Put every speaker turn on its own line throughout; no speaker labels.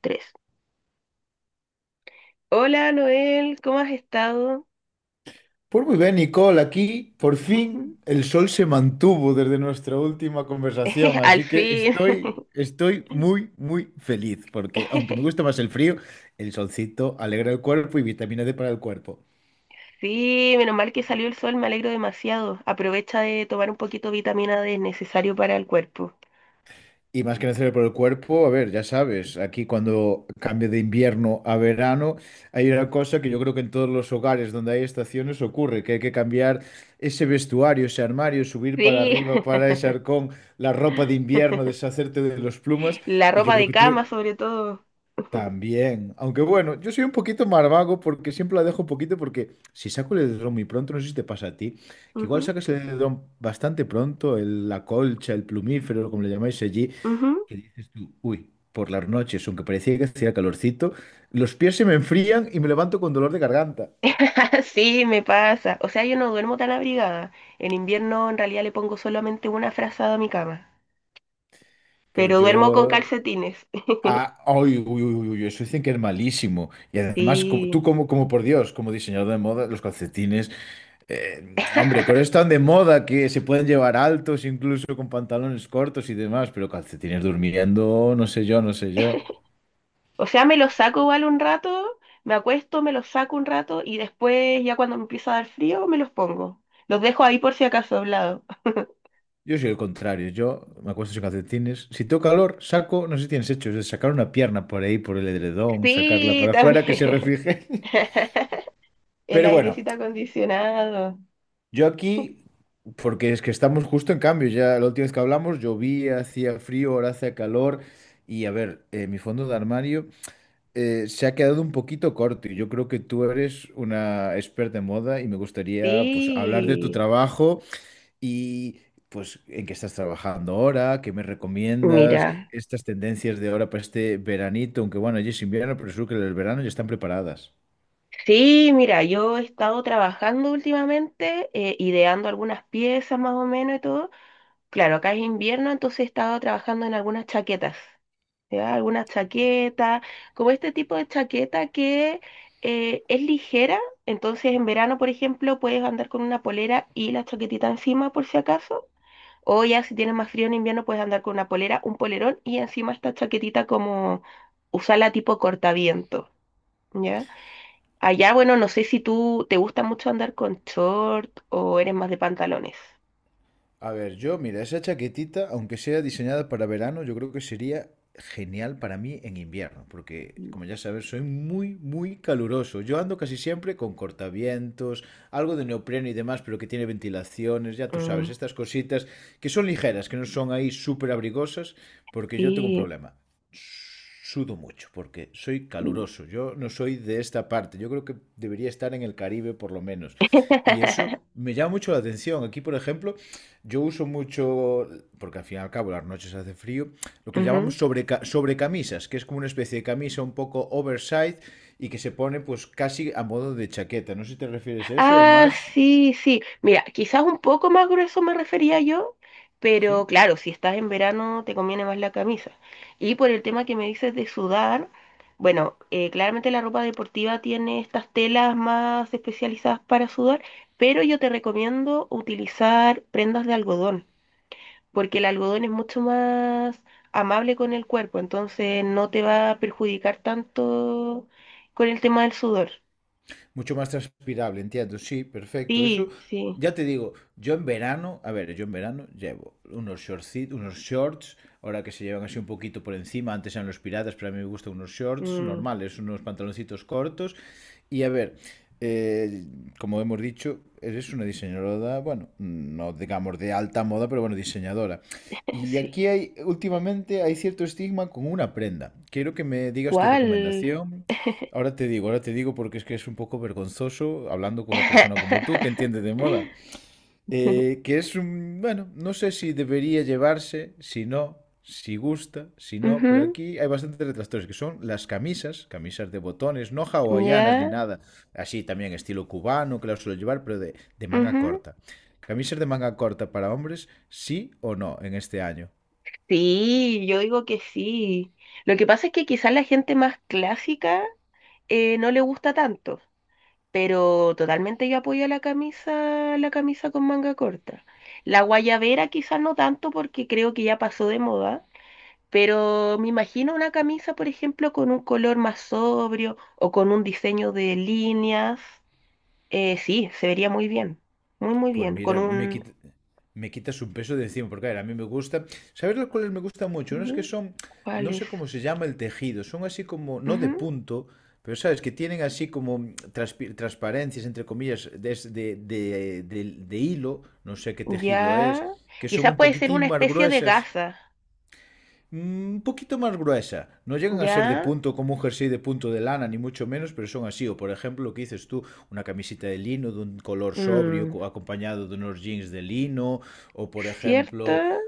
Tres. Hola Noel, ¿cómo has estado?
Pues muy bien, Nicole, aquí por
Ujú.
fin el sol se mantuvo desde nuestra última conversación,
Al
así que
fin.
estoy muy, muy feliz, porque aunque me gusta más el frío, el solcito alegra el cuerpo y vitamina D para el cuerpo.
Sí, menos mal que salió el sol, me alegro demasiado. Aprovecha de tomar un poquito de vitamina D, es necesario para el cuerpo.
Y más que necesario por el cuerpo, a ver, ya sabes, aquí cuando cambia de invierno a verano, hay una cosa que yo creo que en todos los hogares donde hay estaciones ocurre, que hay que cambiar ese vestuario, ese armario, subir para
Sí,
arriba, para ese arcón, la ropa de invierno, deshacerte de los plumas,
la
y yo
ropa
creo
de
que tú
cama sobre todo.
también. Aunque bueno, yo soy un poquito más vago porque siempre la dejo un poquito porque si saco el edredón muy pronto, no sé si te pasa a ti, que igual
Ujú,
sacas el edredón bastante pronto, la colcha, el plumífero, como le llamáis allí.
ujú.
¿Qué dices tú? Uy, por las noches, aunque parecía que hacía calorcito, los pies se me enfrían y me levanto con dolor de garganta.
Sí, me pasa. O sea, yo no duermo tan abrigada. En invierno en realidad le pongo solamente una frazada a mi cama,
Pues
pero duermo con
yo...
calcetines.
Ah, uy, uy, uy, uy, uy, eso dicen que es malísimo. Y además, como, tú
Sí.
como, como por Dios, como diseñador de moda, los calcetines, hombre, con esto tan de moda que se pueden llevar altos, incluso con pantalones cortos y demás, pero calcetines durmiendo, no sé yo, no sé yo.
O sea, me lo saco igual un rato, me acuesto, me los saco un rato y después ya cuando me empieza a dar frío me los pongo. Los dejo ahí por si acaso doblado.
Yo soy el contrario, yo me acuesto sin calcetines. Si tengo calor, saco, no sé si tienes hecho, es de sacar una pierna por ahí, por el edredón, sacarla
Sí,
para afuera, que se
también.
refrige.
El
Pero bueno,
airecito acondicionado.
yo aquí, porque es que estamos justo en cambio, ya la última vez que hablamos llovía, hacía frío, ahora hace calor. Y a ver, mi fondo de armario se ha quedado un poquito corto y yo creo que tú eres una experta en moda y me gustaría pues hablar de tu
Sí.
trabajo. Y pues, ¿en qué estás trabajando ahora? ¿Qué me recomiendas?
Mira.
Estas tendencias de ahora para este veranito, aunque bueno, ya es invierno, pero seguro que el verano ya están preparadas.
Sí, mira, yo he estado trabajando últimamente, ideando algunas piezas más o menos y todo. Claro, acá es invierno, entonces he estado trabajando en algunas chaquetas. ¿Ya? Algunas chaquetas, como este tipo de chaqueta que es ligera, entonces en verano, por ejemplo, puedes andar con una polera y la chaquetita encima por si acaso, o ya si tienes más frío en invierno puedes andar con una polera, un polerón y encima esta chaquetita como usarla tipo cortaviento, ¿ya? Allá, bueno, no sé si tú te gusta mucho andar con short o eres más de pantalones.
A ver, yo, mira, esa chaquetita, aunque sea diseñada para verano, yo creo que sería genial para mí en invierno, porque como ya sabes, soy muy, muy caluroso. Yo ando casi siempre con cortavientos, algo de neopreno y demás, pero que tiene ventilaciones, ya tú sabes,
Mm,
estas cositas que son ligeras, que no son ahí súper abrigosas, porque yo tengo un
sí.
problema. Sudo mucho, porque soy caluroso. Yo no soy de esta parte. Yo creo que debería estar en el Caribe por lo menos. Y eso me llama mucho la atención. Aquí, por ejemplo, yo uso mucho, porque al fin y al cabo las noches hace frío, lo que le
Ujú.
llamamos sobrecamisas, que es como una especie de camisa un poco oversized y que se pone pues casi a modo de chaqueta. No sé si te refieres a eso o
Ah,
más...
sí, sí. Mira, quizás un poco más grueso me refería yo,
¿Sí?
pero claro, si estás en verano te conviene más la camisa. Y por el tema que me dices de sudar, bueno, claramente la ropa deportiva tiene estas telas más especializadas para sudar, pero yo te recomiendo utilizar prendas de algodón, porque el algodón es mucho más amable con el cuerpo, entonces no te va a perjudicar tanto con el tema del sudor.
Mucho más transpirable, entiendo. Sí, perfecto. Eso,
Sí, sí.
ya te digo, yo en verano, a ver, yo en verano llevo unos shortcitos, unos shorts, ahora que se llevan así un poquito por encima, antes eran los piratas, pero a mí me gustan unos shorts
Mm.
normales, unos pantaloncitos cortos. Y a ver, eh, como hemos dicho, eres una diseñadora, bueno, no digamos de alta moda, pero bueno, diseñadora. Y
Sí.
aquí hay, últimamente hay cierto estigma con una prenda. Quiero que me digas tu
¿Cuál?
recomendación. Ahora te digo porque es que es un poco vergonzoso hablando con una persona como tú que entiende de moda. Que es un, bueno, no sé si debería llevarse, si no, si gusta, si no, pero
Ujú,
aquí hay bastantes detractores que son las camisas, camisas de botones, no hawaianas ni
ya.
nada, así también estilo cubano que las suelo llevar, pero de manga
Ujú.
corta. Camisas de manga corta para hombres, sí o no en este año.
Sí, yo digo que sí. Lo que pasa es que quizás la gente más clásica no le gusta tanto, pero totalmente yo apoyo la camisa con manga corta. La guayabera quizás no tanto porque creo que ya pasó de moda, pero me imagino una camisa, por ejemplo, con un color más sobrio o con un diseño de líneas. Sí, se vería muy bien, muy muy
Pues
bien,
mira,
con un...
me quitas un peso de encima, porque a ver, a mí me gusta. ¿Sabes los cuales me gustan mucho? Unos que
Ujú,
son,
¿cuál
no sé
es?
cómo se llama el tejido, son así como, no de
Ujú,
punto, pero sabes, que tienen así como transparencias, entre comillas, de, de, de hilo, no sé qué tejido es,
ya,
que son
quizás
un
puede ser una
poquitín más
especie de
gruesas.
gasa,
Un poquito más gruesa. No llegan a ser de
ya,
punto como un jersey de punto de lana, ni mucho menos, pero son así. O por ejemplo, lo que dices tú, una camiseta de lino de un color sobrio
mm,
acompañado de unos jeans de lino. O por ejemplo,
¿cierta?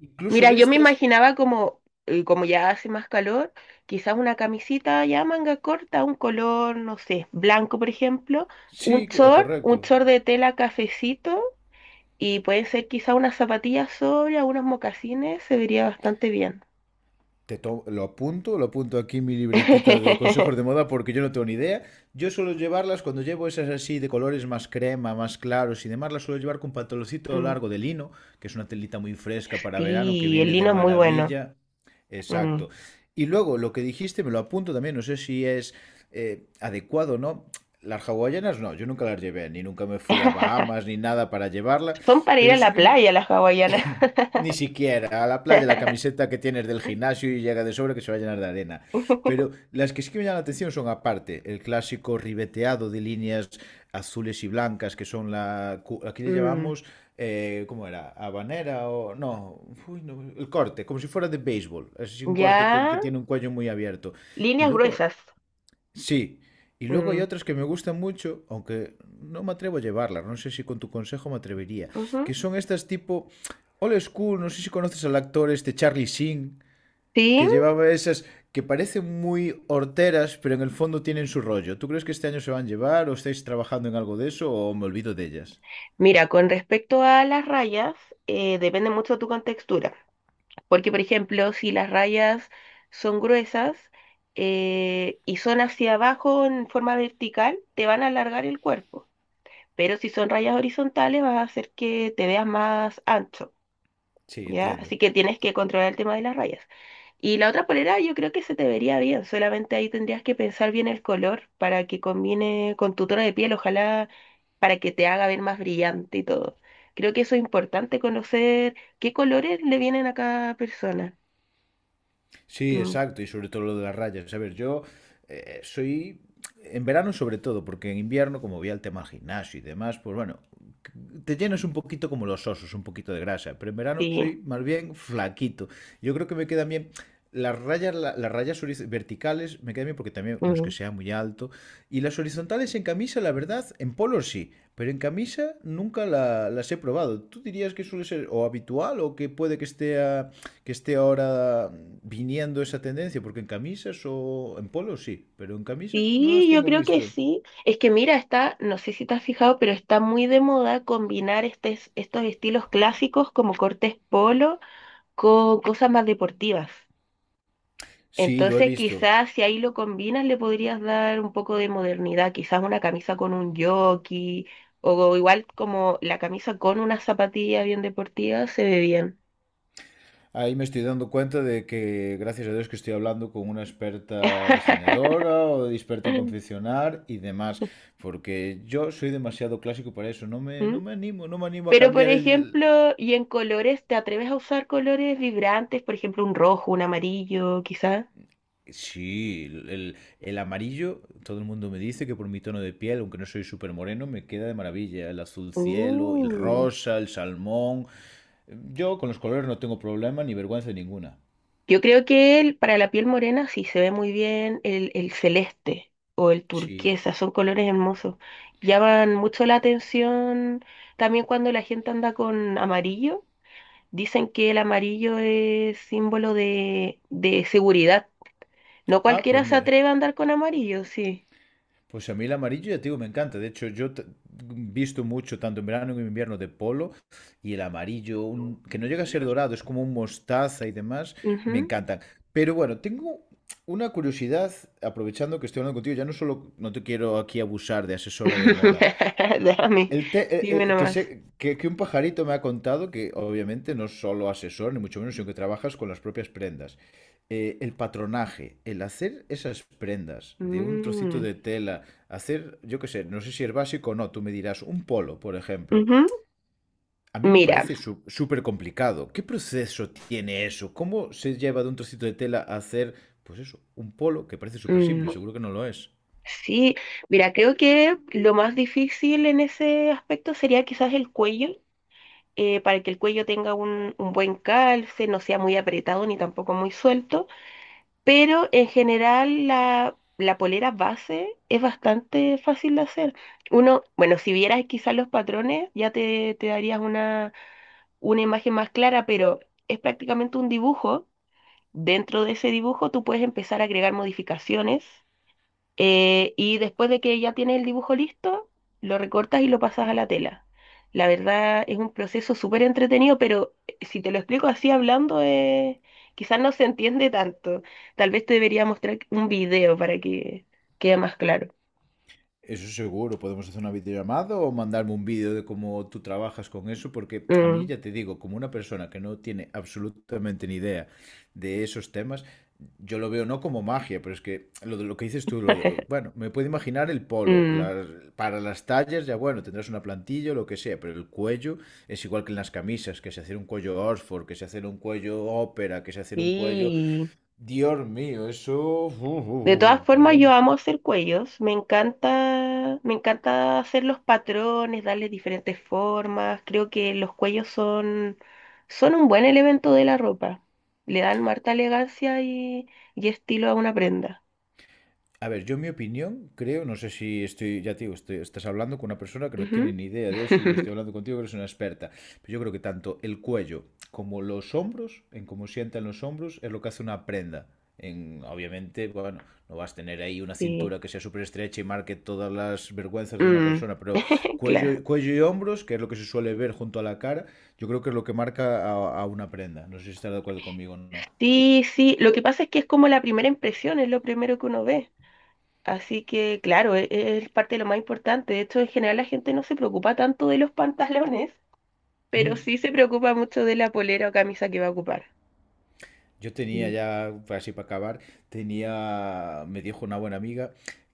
incluso
Mira,
de
yo me
estas...
imaginaba como, como ya hace más calor, quizás una camisita ya manga corta, un color, no sé, blanco por ejemplo,
Sí,
un
correcto.
short de tela cafecito y pueden ser quizás unas zapatillas sobre, unos mocasines, se vería bastante bien.
Lo apunto aquí en mi libretita de consejos de moda porque yo no tengo ni idea. Yo suelo llevarlas cuando llevo esas así de colores más crema, más claros y demás, las suelo llevar con pantaloncito
Mm.
largo de lino, que es una telita muy fresca para verano que
Sí, el
viene de
lino es muy bueno.
maravilla.
Mm.
Exacto. Y luego lo que dijiste me lo apunto también, no sé si es adecuado o no. Las hawaianas no, yo nunca las llevé, ni nunca me fui a Bahamas ni nada para llevarla,
Son para ir
pero
a
sí
la
que
playa las hawaianas.
ni siquiera a la playa la camiseta que tienes del gimnasio y llega de sobra que se va a llenar de arena. Pero las que sí que me llaman la atención son aparte el clásico ribeteado de líneas azules y blancas que son la... Aquí le
Mm,
llamamos... ¿cómo era? ¿Habanera o...? No, uy, no, el corte, como si fuera de béisbol. Es así un corte
ya,
con, que tiene un cuello muy abierto. Y
líneas
luego
gruesas.
sí, y luego hay
Mm,
otras que me gustan mucho, aunque no me atrevo a llevarlas, no sé si con tu consejo me atrevería, que
ujú.
son estas tipo old school, no sé si conoces al actor este Charlie Sheen,
Sí,
que llevaba esas que parecen muy horteras, pero en el fondo tienen su rollo. ¿Tú crees que este año se van a llevar o estáis trabajando en algo de eso o me olvido de ellas?
mira, con respecto a las rayas, depende mucho de tu contextura. Porque, por ejemplo, si las rayas son gruesas y son hacia abajo en forma vertical, te van a alargar el cuerpo. Pero si son rayas horizontales, vas a hacer que te veas más ancho.
Sí,
¿Ya?
entiendo.
Así que tienes que controlar el tema de las rayas. Y la otra polera yo creo que se te vería bien, solamente ahí tendrías que pensar bien el color para que combine con tu tono de piel, ojalá para que te haga ver más brillante y todo. Creo que eso es importante conocer qué colores le vienen a cada persona.
Sí,
Mm,
exacto, y sobre todo lo de las rayas. A ver, yo soy, en verano sobre todo, porque en invierno, como voy al tema al gimnasio y demás, pues bueno, c- te llenas un poquito como los osos, un poquito de grasa, pero en verano
sí.
soy más bien flaquito. Yo creo que me quedan bien las rayas, las rayas verticales, me quedan bien porque también no es que
Mm.
sea muy alto, y las horizontales en camisa, la verdad, en polos sí, pero en camisa nunca las he probado. ¿Tú dirías que suele ser o habitual o que puede que esté a que esté ahora viniendo esa tendencia, porque en camisas o en polos sí, pero en camisas no las
Sí, yo
tengo
creo que
visto?
sí. Es que mira, está, no sé si te has fijado, pero está muy de moda combinar estos estilos clásicos como cortes polo con cosas más deportivas.
Sí, lo he
Entonces,
visto.
quizás si ahí lo combinas, le podrías dar un poco de modernidad, quizás una camisa con un jockey, o igual como la camisa con unas zapatillas bien deportivas, se ve bien.
Ahí me estoy dando cuenta de que, gracias a Dios, que estoy hablando con una experta diseñadora o experta en confeccionar y demás, porque yo soy demasiado clásico para eso,
¿Mm?
no me animo, no me animo a
Pero, por
cambiar el,
ejemplo, y en colores, ¿te atreves a usar colores vibrantes? Por ejemplo, un rojo, un amarillo, quizás.
sí, el amarillo, todo el mundo me dice que por mi tono de piel, aunque no soy súper moreno, me queda de maravilla. El azul cielo, el
Uh.
rosa, el salmón. Yo con los colores no tengo problema ni vergüenza ninguna.
Yo creo que el, para la piel morena sí se ve muy bien el celeste o el
Sí.
turquesa, son colores hermosos. Llaman mucho la atención también cuando la gente anda con amarillo. Dicen que el amarillo es símbolo de seguridad. No
Ah,
cualquiera
pues
se
mira.
atreve a andar con amarillo, sí.
Pues a mí el amarillo, ya te digo, me encanta. De hecho, visto mucho, tanto en verano como en invierno, de polo. Y el amarillo, que no llega a ser dorado, es como un mostaza y demás, me
Ujú.
encantan. Pero bueno, tengo una curiosidad, aprovechando que estoy hablando contigo, ya no solo, no te quiero aquí abusar de asesora de moda,
Dame, dime
que,
nomás.
sé, que un pajarito me ha contado que obviamente no es solo asesor, ni mucho menos, sino que trabajas con las propias prendas. El patronaje, el hacer esas prendas de un trocito
Mm,
de tela, hacer, yo qué sé, no sé si es básico o no, tú me dirás, un polo, por ejemplo.
ujú.
A mí me
Mira,
parece súper complicado. ¿Qué proceso tiene eso? ¿Cómo se lleva de un trocito de tela a hacer, pues eso, un polo que parece súper
mm,
simple? Seguro que no lo es.
Sí, mira, creo que lo más difícil en ese aspecto sería quizás el cuello, para que el cuello tenga un buen calce, no sea muy apretado ni tampoco muy suelto, pero en general la polera base es bastante fácil de hacer. Uno, bueno, si vieras quizás los patrones ya te darías una imagen más clara, pero es prácticamente un dibujo. Dentro de ese dibujo tú puedes empezar a agregar modificaciones y después de que ya tienes el dibujo listo, lo recortas y lo pasas a la tela. La verdad es un proceso súper entretenido, pero si te lo explico así hablando, quizás no se entiende tanto. Tal vez te debería mostrar un video para que quede más claro.
Eso seguro, podemos hacer una videollamada o mandarme un vídeo de cómo tú trabajas con eso, porque a mí
Mm,
ya te digo, como una persona que no tiene absolutamente ni idea de esos temas, yo lo veo no como magia, pero es que lo, lo que dices tú, bueno, me puedo imaginar el polo,
mm.
para las tallas ya bueno, tendrás una plantilla o lo que sea, pero el cuello es igual que en las camisas, que se hace un cuello Oxford, que se hace un cuello ópera, que se hace un cuello...
Sí.
Dios mío, eso...
De todas
pero
formas,
bueno.
yo amo hacer cuellos, me encanta hacer los patrones, darle diferentes formas. Creo que los cuellos son, son un buen elemento de la ropa. Le dan harta elegancia y estilo a una prenda.
A ver, yo en mi opinión creo, no sé si estoy, ya te digo, estás hablando con una persona que no tiene
Ujú.
ni idea de eso y yo estoy hablando contigo que eres una experta, pero yo creo que tanto el cuello como los hombros, en cómo sientan los hombros, es lo que hace una prenda. En, obviamente, bueno, no vas a tener ahí una
Sí.
cintura que sea súper estrecha y marque todas las vergüenzas de una
Mm,
persona, pero
claro.
cuello, cuello y hombros, que es lo que se suele ver junto a la cara, yo creo que es lo que marca a una prenda. No sé si estás de acuerdo conmigo o
Sí, sí. Lo que pasa es que es como la primera impresión, es lo primero que uno ve. Así que, claro, es, parte de lo más importante. De hecho, en general la gente no se preocupa tanto de los pantalones. Pero
no.
sí se preocupa mucho de la polera o camisa que va a ocupar.
Yo tenía
Mm.
ya, así para acabar, tenía, me dijo una buena amiga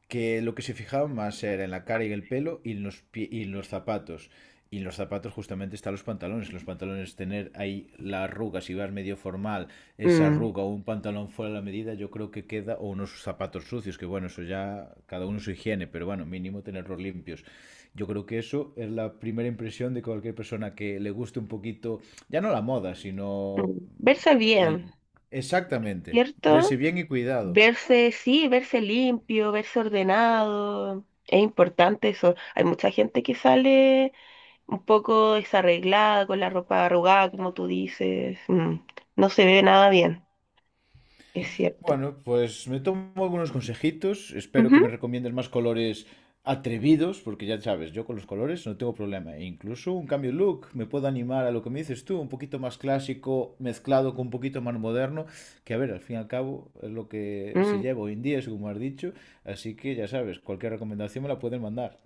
que lo que se fijaba más era en la cara y el pelo y en los, y en los zapatos. Y en los zapatos justamente están los pantalones. Los pantalones, tener ahí la arruga, si vas medio formal, esa
Mm,
arruga o un pantalón fuera de la medida, yo creo que queda, o unos zapatos sucios, que bueno, eso ya cada uno su higiene, pero bueno, mínimo tenerlos limpios. Yo creo que eso es la primera impresión de cualquier persona que le guste un poquito, ya no la moda, sino
mm. Verse
la,
bien,
exactamente. Verse
¿cierto?
bien y cuidado.
Verse, sí, verse limpio, verse ordenado. Es importante eso. Hay mucha gente que sale un poco desarreglada, con la ropa arrugada, como tú dices. No se ve nada bien, es cierto.
Bueno, pues me tomo algunos consejitos. Espero que
Ujú,
me recomiendes más colores atrevidos, porque ya sabes, yo con los colores no tengo problema. E incluso un cambio de look me puedo animar a lo que me dices tú, un poquito más clásico mezclado con un poquito más moderno, que a ver, al fin y al cabo es lo que se
mm.
lleva hoy en día, es como has dicho. Así que ya sabes, cualquier recomendación me la pueden mandar.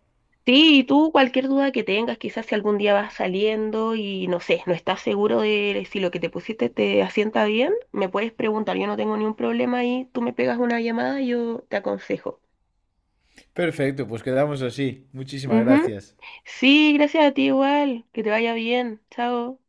Sí, y tú cualquier duda que tengas, quizás si algún día vas saliendo y no sé, no estás seguro de si lo que te pusiste te asienta bien, me puedes preguntar, yo no tengo ningún problema y tú me pegas una llamada y yo te aconsejo.
Perfecto, pues quedamos así. Muchísimas
Ujú.
gracias.
Sí, gracias a ti igual, que te vaya bien, chao.